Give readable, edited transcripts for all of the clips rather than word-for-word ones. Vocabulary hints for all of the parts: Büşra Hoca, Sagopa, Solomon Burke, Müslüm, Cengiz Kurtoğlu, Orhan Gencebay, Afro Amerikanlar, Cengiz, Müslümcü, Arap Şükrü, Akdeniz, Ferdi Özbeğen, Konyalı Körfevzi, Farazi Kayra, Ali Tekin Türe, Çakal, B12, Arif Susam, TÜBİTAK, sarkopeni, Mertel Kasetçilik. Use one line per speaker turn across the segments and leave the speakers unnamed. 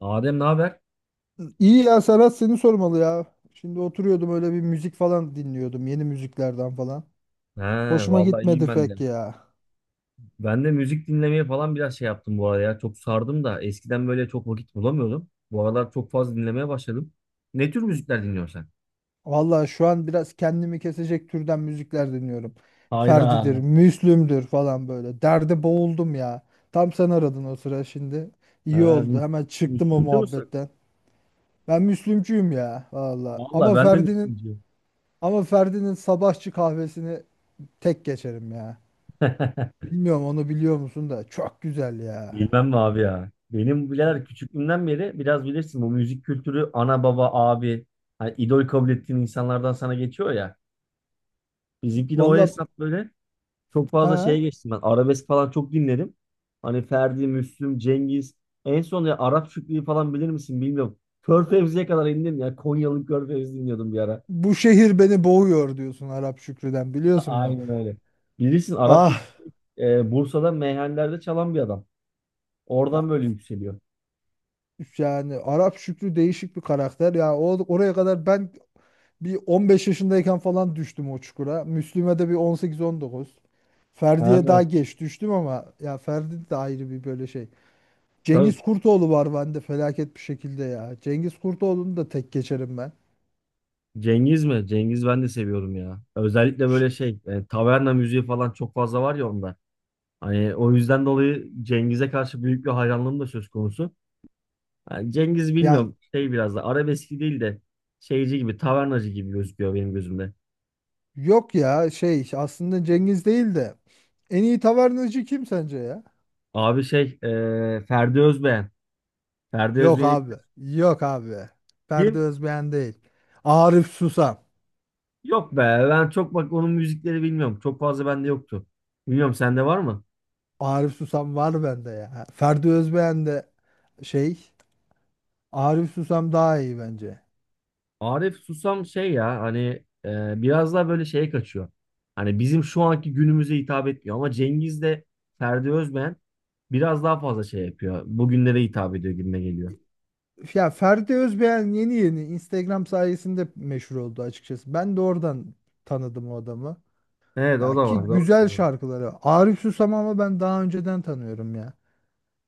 Adem ne haber?
İyi ya Serhat seni sormalı ya. Şimdi oturuyordum öyle bir müzik falan dinliyordum. Yeni müziklerden falan.
He,
Hoşuma
vallahi iyiyim
gitmedi
ben de.
pek ya.
Ben de müzik dinlemeye falan biraz şey yaptım bu arada ya. Çok sardım da eskiden böyle çok vakit bulamıyordum. Bu aralar çok fazla dinlemeye başladım. Ne tür müzikler dinliyorsun sen?
Vallahi şu an biraz kendimi kesecek türden müzikler dinliyorum. Ferdi'dir,
Hayda.
Müslüm'dür falan böyle. Derde boğuldum ya. Tam sen aradın o sıra şimdi. İyi
Ha,
oldu.
Müs-
Hemen çıktım o
Müslümcü müsün?
muhabbetten. Ben Müslümcüyüm ya valla.
Valla
Ama
ben de
Ferdi'nin
Müslümcüyüm.
ama Ferdi'nin sabahçı kahvesini tek geçerim ya. Bilmiyorum onu biliyor musun da çok güzel ya.
Bilmem mi abi ya? Benim birader küçüklüğümden beri biraz bilirsin bu müzik kültürü ana baba abi, hani idol kabul ettiğin insanlardan sana geçiyor ya. Bizimki de o
Valla.
hesap böyle. Çok fazla şeye
Ha?
geçtim ben. Arabesk falan çok dinledim. Hani Ferdi, Müslüm, Cengiz. En son ya Arap Şükrü'yü falan bilir misin bilmiyorum. Körfevzi'ye kadar indim ya. Konyalı Körfevzi dinliyordum bir ara.
Bu şehir beni boğuyor diyorsun Arap Şükrü'den biliyorsun mu?
Aynen öyle. Bilirsin Arap
Ah,
Şükrü Bursa'da meyhanelerde çalan bir adam.
ya
Oradan böyle yükseliyor.
yani Arap Şükrü değişik bir karakter. Ya o oraya kadar ben bir 15 yaşındayken falan düştüm o çukura. Müslüme de bir 18-19. Ferdi'ye
Ha.
daha geç düştüm ama ya Ferdi de ayrı bir böyle şey.
Tabii
Cengiz Kurtoğlu var bende felaket bir şekilde ya. Cengiz Kurtoğlu'nu da tek geçerim ben.
Cengiz mi? Cengiz ben de seviyorum ya. Özellikle
Ş-
böyle şey taverna müziği falan çok fazla var ya onda. Hani o yüzden dolayı Cengiz'e karşı büyük bir hayranlığım da söz konusu. Yani Cengiz
Yani
bilmiyorum şey biraz da arabeski değil de şeyci gibi tavernacı gibi gözüküyor benim gözümde.
yok ya aslında Cengiz değil de en iyi tavernacı kim sence ya?
Abi şey Ferdi Özbeğen. Ferdi
Yok
Özbeğen'i
abi.
bilir
Yok abi. Ferdi
kim?
Özbeğen değil. Arif Susam.
Yok be, ben çok bak onun müzikleri bilmiyorum. Çok fazla bende yoktu. Bilmiyorum sende var mı?
Arif Susam var bende ya. Ferdi Özbeğen de şey. Arif Susam daha iyi bence.
Arif Susam şey ya hani biraz daha böyle şeye kaçıyor. Hani bizim şu anki günümüze hitap etmiyor ama Cengiz de Ferdi Özbeğen biraz daha fazla şey yapıyor. Bugünlere hitap ediyor gibime geliyor.
Ya Ferdi Özbeğen yeni yeni Instagram sayesinde meşhur oldu açıkçası. Ben de oradan tanıdım o adamı.
Evet, o
Ya
da
ki
var, doğru
güzel
söylüyorsun.
şarkıları. Arif Susam ama ben daha önceden tanıyorum ya.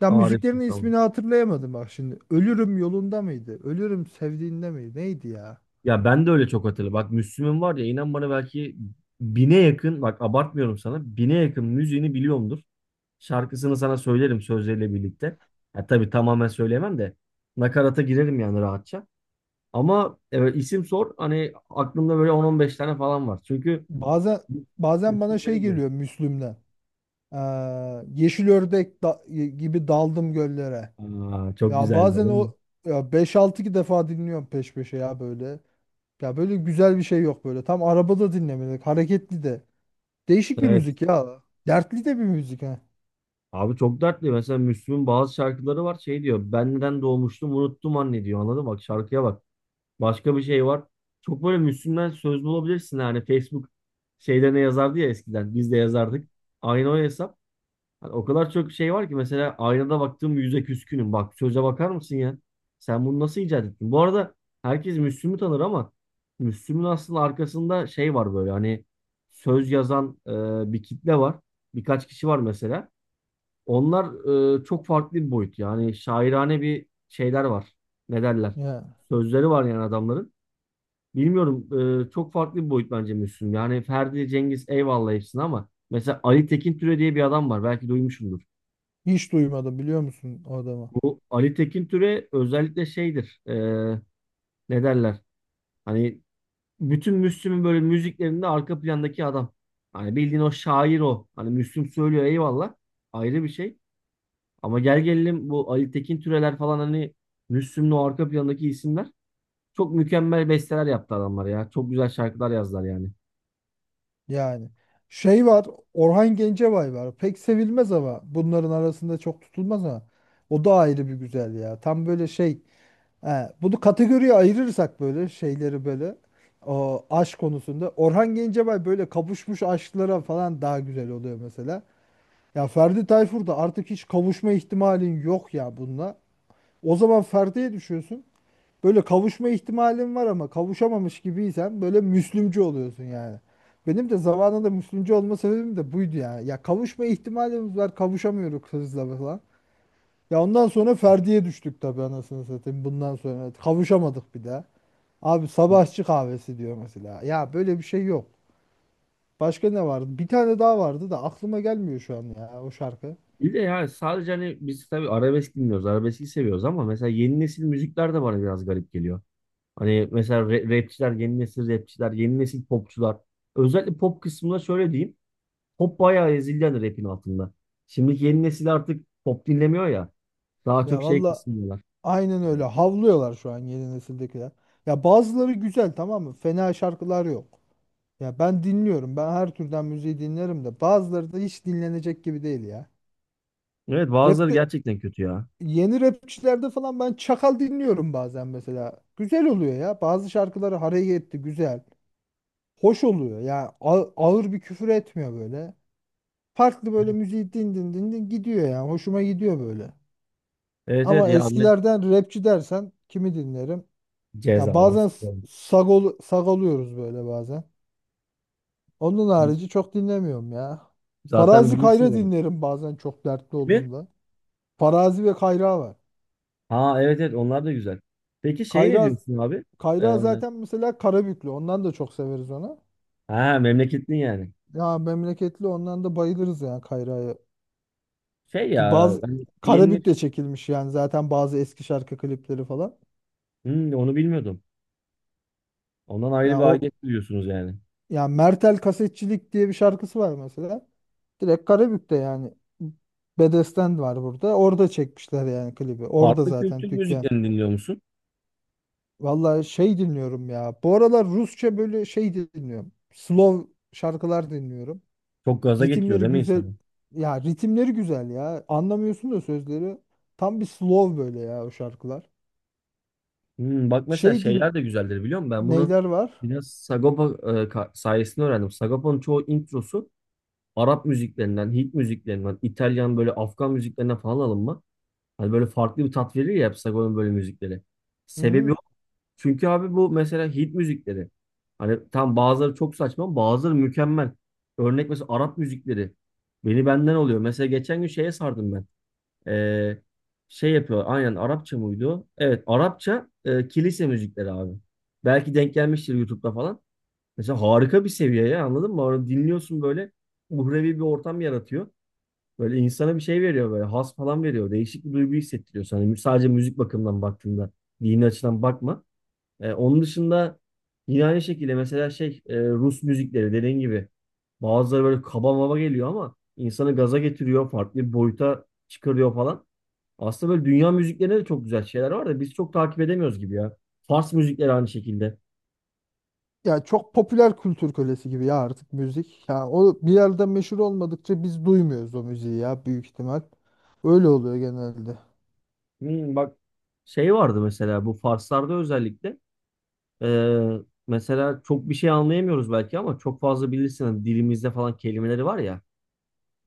Ya
Arif
müziklerinin
Susam.
ismini hatırlayamadım bak şimdi. Ölürüm yolunda mıydı? Ölürüm sevdiğinde miydi? Neydi ya?
Ya ben de öyle çok hatırlı. Bak Müslüm'ün var ya, inan bana belki 1.000'e yakın, bak abartmıyorum sana, 1.000'e yakın müziğini biliyorumdur. Şarkısını sana söylerim sözleriyle birlikte. Ya tabii tamamen söyleyemem de nakarata girerim yani rahatça. Ama evet, isim sor, hani aklımda böyle on on beş tane falan var. Çünkü
Bazen bazen bana
Müslüm
şey
benim bu.
geliyor Müslüm'den. Ee, Yeşil ördek gibi daldım göllere.
Aa, çok
Ya
güzeldi değil
bazen
mi?
o ya beş 6 defa dinliyorum peş peşe ya böyle. Ya böyle güzel bir şey yok böyle. Tam arabada dinlemelik, hareketli de. Değişik bir
Evet.
müzik ya. Dertli de bir müzik ha.
Abi çok dertli. Mesela Müslüm'ün bazı şarkıları var şey diyor. Ben neden doğmuştum unuttum anne diyor. Anladın mı? Bak şarkıya bak. Başka bir şey var. Çok böyle Müslüm'den söz bulabilirsin. Yani Facebook şeyde ne yazardı ya eskiden. Biz de yazardık. Aynı o hesap. Hani o kadar çok şey var ki mesela aynada baktığım yüze küskünüm. Bak söze bakar mısın ya? Sen bunu nasıl icat ettin? Bu arada herkes Müslüm'ü tanır ama Müslüm'ün aslında arkasında şey var böyle, hani söz yazan bir kitle var. Birkaç kişi var mesela. Onlar çok farklı bir boyut. Yani şairane bir şeyler var. Ne derler?
Ya
Sözleri var yani adamların. Bilmiyorum, çok farklı bir boyut bence Müslüm. Yani Ferdi, Cengiz eyvallah hepsini ama mesela Ali Tekin Türe diye bir adam var. Belki duymuşumdur.
hiç duymadım biliyor musun o adamı?
Bu Ali Tekin Türe özellikle şeydir. Ne derler? Hani bütün Müslüm'ün böyle müziklerinde arka plandaki adam. Hani bildiğin o şair o. Hani Müslüm söylüyor eyvallah. Ayrı bir şey. Ama gel gelelim bu Ali Tekin Türeler falan, hani Müslüm'ün o arka plandaki isimler. Çok mükemmel besteler yaptı adamlar ya. Çok güzel şarkılar yazdılar yani.
Yani şey var, Orhan Gencebay var. Pek sevilmez ama bunların arasında çok tutulmaz ama o da ayrı bir güzel ya. Tam böyle şey. He, bunu kategoriye ayırırsak böyle şeyleri böyle o aşk konusunda Orhan Gencebay böyle kavuşmuş aşklara falan daha güzel oluyor mesela. Ya Ferdi Tayfur'da artık hiç kavuşma ihtimalin yok ya bununla. O zaman Ferdi'ye düşüyorsun. Böyle kavuşma ihtimalin var ama kavuşamamış gibiysen böyle Müslümcü oluyorsun yani. Benim de zamanında Müslümcü olma sebebim de buydu ya. Ya kavuşma ihtimalimiz var kavuşamıyoruz kızla falan. Ya ondan sonra Ferdi'ye düştük tabii anasını satayım bundan sonra. Kavuşamadık bir daha. Abi sabahçı kahvesi diyor mesela. Ya böyle bir şey yok. Başka ne vardı? Bir tane daha vardı da aklıma gelmiyor şu an ya o şarkı.
Bir de yani sadece hani biz tabii arabesk dinliyoruz, arabeski seviyoruz ama mesela yeni nesil müzikler de bana biraz garip geliyor. Hani mesela rapçiler, yeni nesil rapçiler, yeni nesil popçular. Özellikle pop kısmında şöyle diyeyim. Pop bayağı ezildi hani rapin altında. Şimdiki yeni nesil artık pop dinlemiyor ya. Daha çok
Ya
şey
valla
kısmıyorlar.
aynen öyle.
Evet.
Havlıyorlar şu an yeni nesildekiler. Ya bazıları güzel tamam mı? Fena şarkılar yok. Ya ben dinliyorum. Ben her türden müziği dinlerim de bazıları da hiç dinlenecek gibi değil ya.
Evet, bazıları
Rap'te
gerçekten kötü ya.
yeni rapçilerde falan ben Çakal dinliyorum bazen mesela. Güzel oluyor ya. Bazı şarkıları hareketli, güzel. Hoş oluyor. Ya ağır bir küfür etmiyor böyle. Farklı böyle müziği din din din din gidiyor yani. Hoşuma gidiyor böyle.
Evet evet
Ama
ya Ahmet.
eskilerden rapçi dersen kimi dinlerim? Ya
Cezalar
bazen
sıkıyorum.
sagol, sagoluyoruz böyle bazen. Onun
Biz,
harici çok dinlemiyorum ya.
zaten
Farazi
bilirsin
Kayra
yani.
dinlerim bazen çok dertli
Değil mi?
olduğumda. Farazi ve Kayra var.
Ha evet evet, onlar da güzel. Peki şey ne
Kayra
diyorsun abi?
Kayra zaten mesela Karabüklü. Ondan da çok severiz onu.
Ha, memleketlin yani.
Ya memleketli ondan da bayılırız yani Kayra'ya.
Şey
Ki
ya
bazı
hani yeni
Karabük'te
nesil.
çekilmiş yani zaten bazı eski şarkı klipleri falan.
Hmm, onu bilmiyordum. Ondan ayrı
Ya
bir
o
aidiyet duyuyorsunuz yani.
ya Mertel Kasetçilik diye bir şarkısı var mesela. Direkt Karabük'te yani. Bedesten var burada. Orada çekmişler yani klibi. Orada
Farklı kültür
zaten dükkan.
müziklerini dinliyor musun?
Vallahi şey dinliyorum ya. Bu aralar Rusça böyle şey dinliyorum. Slow şarkılar dinliyorum.
Çok gaza getiriyor
Ritimleri
değil mi
güzel.
insanı?
Ya ritimleri güzel ya. Anlamıyorsun da sözleri. Tam bir slow böyle ya o şarkılar.
Hmm, bak mesela
Şey
şeyler
din
de güzeldir biliyor musun? Ben bunu
neyler var?
biraz Sagopa sayesinde öğrendim. Sagopa'nın çoğu introsu Arap müziklerinden, Hint müziklerinden, İtalyan böyle Afgan müziklerinden falan alınma. Hani böyle farklı bir tat verir ya hep Sagopa'nın böyle müzikleri. Sebebi,
Hı,
çünkü abi bu mesela hit müzikleri. Hani tam bazıları çok saçma, bazıları mükemmel. Örnek mesela Arap müzikleri. Beni benden oluyor. Mesela geçen gün şeye sardım ben. Ee, Şey yapıyor. Aynen Arapça mıydı o? Evet Arapça kilise müzikleri abi. Belki denk gelmiştir YouTube'da falan. Mesela harika bir seviye ya anladın mı? Onu dinliyorsun böyle uhrevi bir ortam yaratıyor. Böyle insana bir şey veriyor, böyle has falan veriyor. Değişik bir duygu hissettiriyor sana. Sadece müzik bakımından baktığında, dini açıdan bakma. Onun dışında yine aynı şekilde mesela şey, Rus müzikleri dediğin gibi bazıları böyle kaba maba geliyor ama insanı gaza getiriyor, farklı bir boyuta çıkarıyor falan. Aslında böyle dünya müziklerinde de çok güzel şeyler var da biz çok takip edemiyoruz gibi ya. Fars müzikleri aynı şekilde.
Ya çok popüler kültür kölesi gibi ya artık müzik. Ya o bir yerde meşhur olmadıkça biz duymuyoruz o müziği ya büyük ihtimal. Öyle oluyor genelde.
Hmm, bak şey vardı mesela bu Farslarda özellikle, e, mesela çok bir şey anlayamıyoruz belki ama çok fazla bilirsin hani dilimizde falan kelimeleri var ya.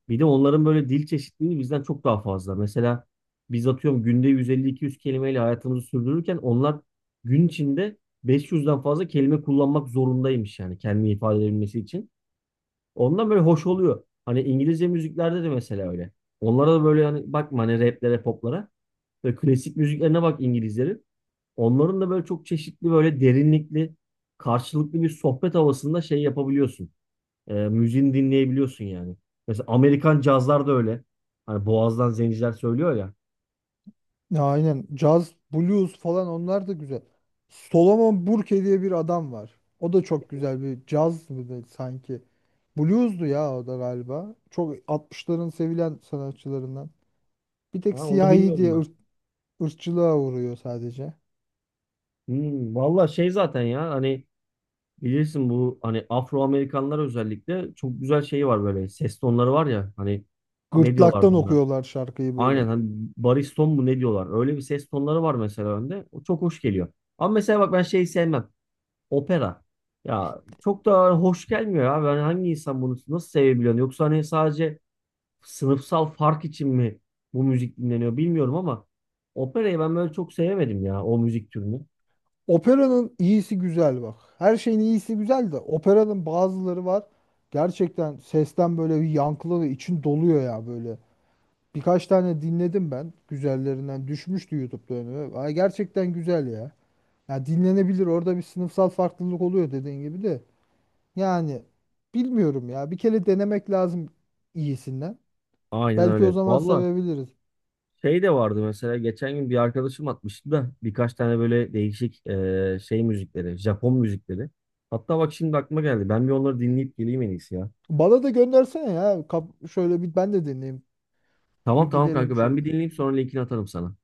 Bir de onların böyle dil çeşitliliği bizden çok daha fazla. Mesela biz atıyorum günde 150-200 kelimeyle hayatımızı sürdürürken onlar gün içinde 500'den fazla kelime kullanmak zorundaymış yani kendini ifade edebilmesi için. Ondan böyle hoş oluyor. Hani İngilizce müziklerde de mesela öyle. Onlara da böyle hani bakma hani raplere, poplara. Böyle klasik müziklerine bak İngilizlerin. Onların da böyle çok çeşitli, böyle derinlikli, karşılıklı bir sohbet havasında şey yapabiliyorsun. Müziğini dinleyebiliyorsun yani. Mesela Amerikan cazlar da öyle. Hani boğazdan zenciler söylüyor ya.
Ya aynen caz, blues falan onlar da güzel. Solomon Burke diye bir adam var. O da çok güzel bir caz mıydı sanki. Blues'du ya o da galiba. Çok 60'ların sevilen sanatçılarından. Bir tek
Ha, onu
siyahi
bilmiyordum
diye
bak.
ırkçılığa uğruyor sadece.
Hmm, valla şey zaten ya hani bilirsin bu hani Afro Amerikanlar özellikle çok güzel şeyi var böyle, ses tonları var ya hani, ne diyorlardı
Gırtlaktan
ona?
okuyorlar şarkıyı
Aynen
böyle.
hani bariston mu ne diyorlar? Öyle bir ses tonları var mesela önde. O çok hoş geliyor. Ama mesela bak ben şeyi sevmem. Opera. Ya çok da hoş gelmiyor abi. Ben hangi insan bunu nasıl sevebiliyor? Yoksa hani sadece sınıfsal fark için mi bu müzik dinleniyor bilmiyorum ama operayı ben böyle çok sevemedim ya o müzik türünü.
Operanın iyisi güzel bak. Her şeyin iyisi güzel de operanın bazıları var. Gerçekten sesten böyle bir yankılı ve için doluyor ya böyle. Birkaç tane dinledim ben. Güzellerinden düşmüştü YouTube'da önüme. Ay gerçekten güzel ya. Ya dinlenebilir. Orada bir sınıfsal farklılık oluyor dediğin gibi de. Yani bilmiyorum ya. Bir kere denemek lazım iyisinden.
Aynen
Belki o
öyle.
zaman
Valla
sevebiliriz.
şey de vardı mesela geçen gün bir arkadaşım atmıştı da birkaç tane böyle değişik, şey müzikleri, Japon müzikleri. Hatta bak şimdi aklıma geldi. Ben bir onları dinleyip geleyim en iyisi ya.
Bana da göndersene ya. Şöyle bir ben de dinleyeyim. Bir
Tamam tamam
gidelim
kanka, ben
şöyle.
bir dinleyeyim sonra linkini atarım sana.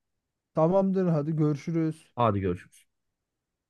Tamamdır hadi görüşürüz.
Hadi görüşürüz.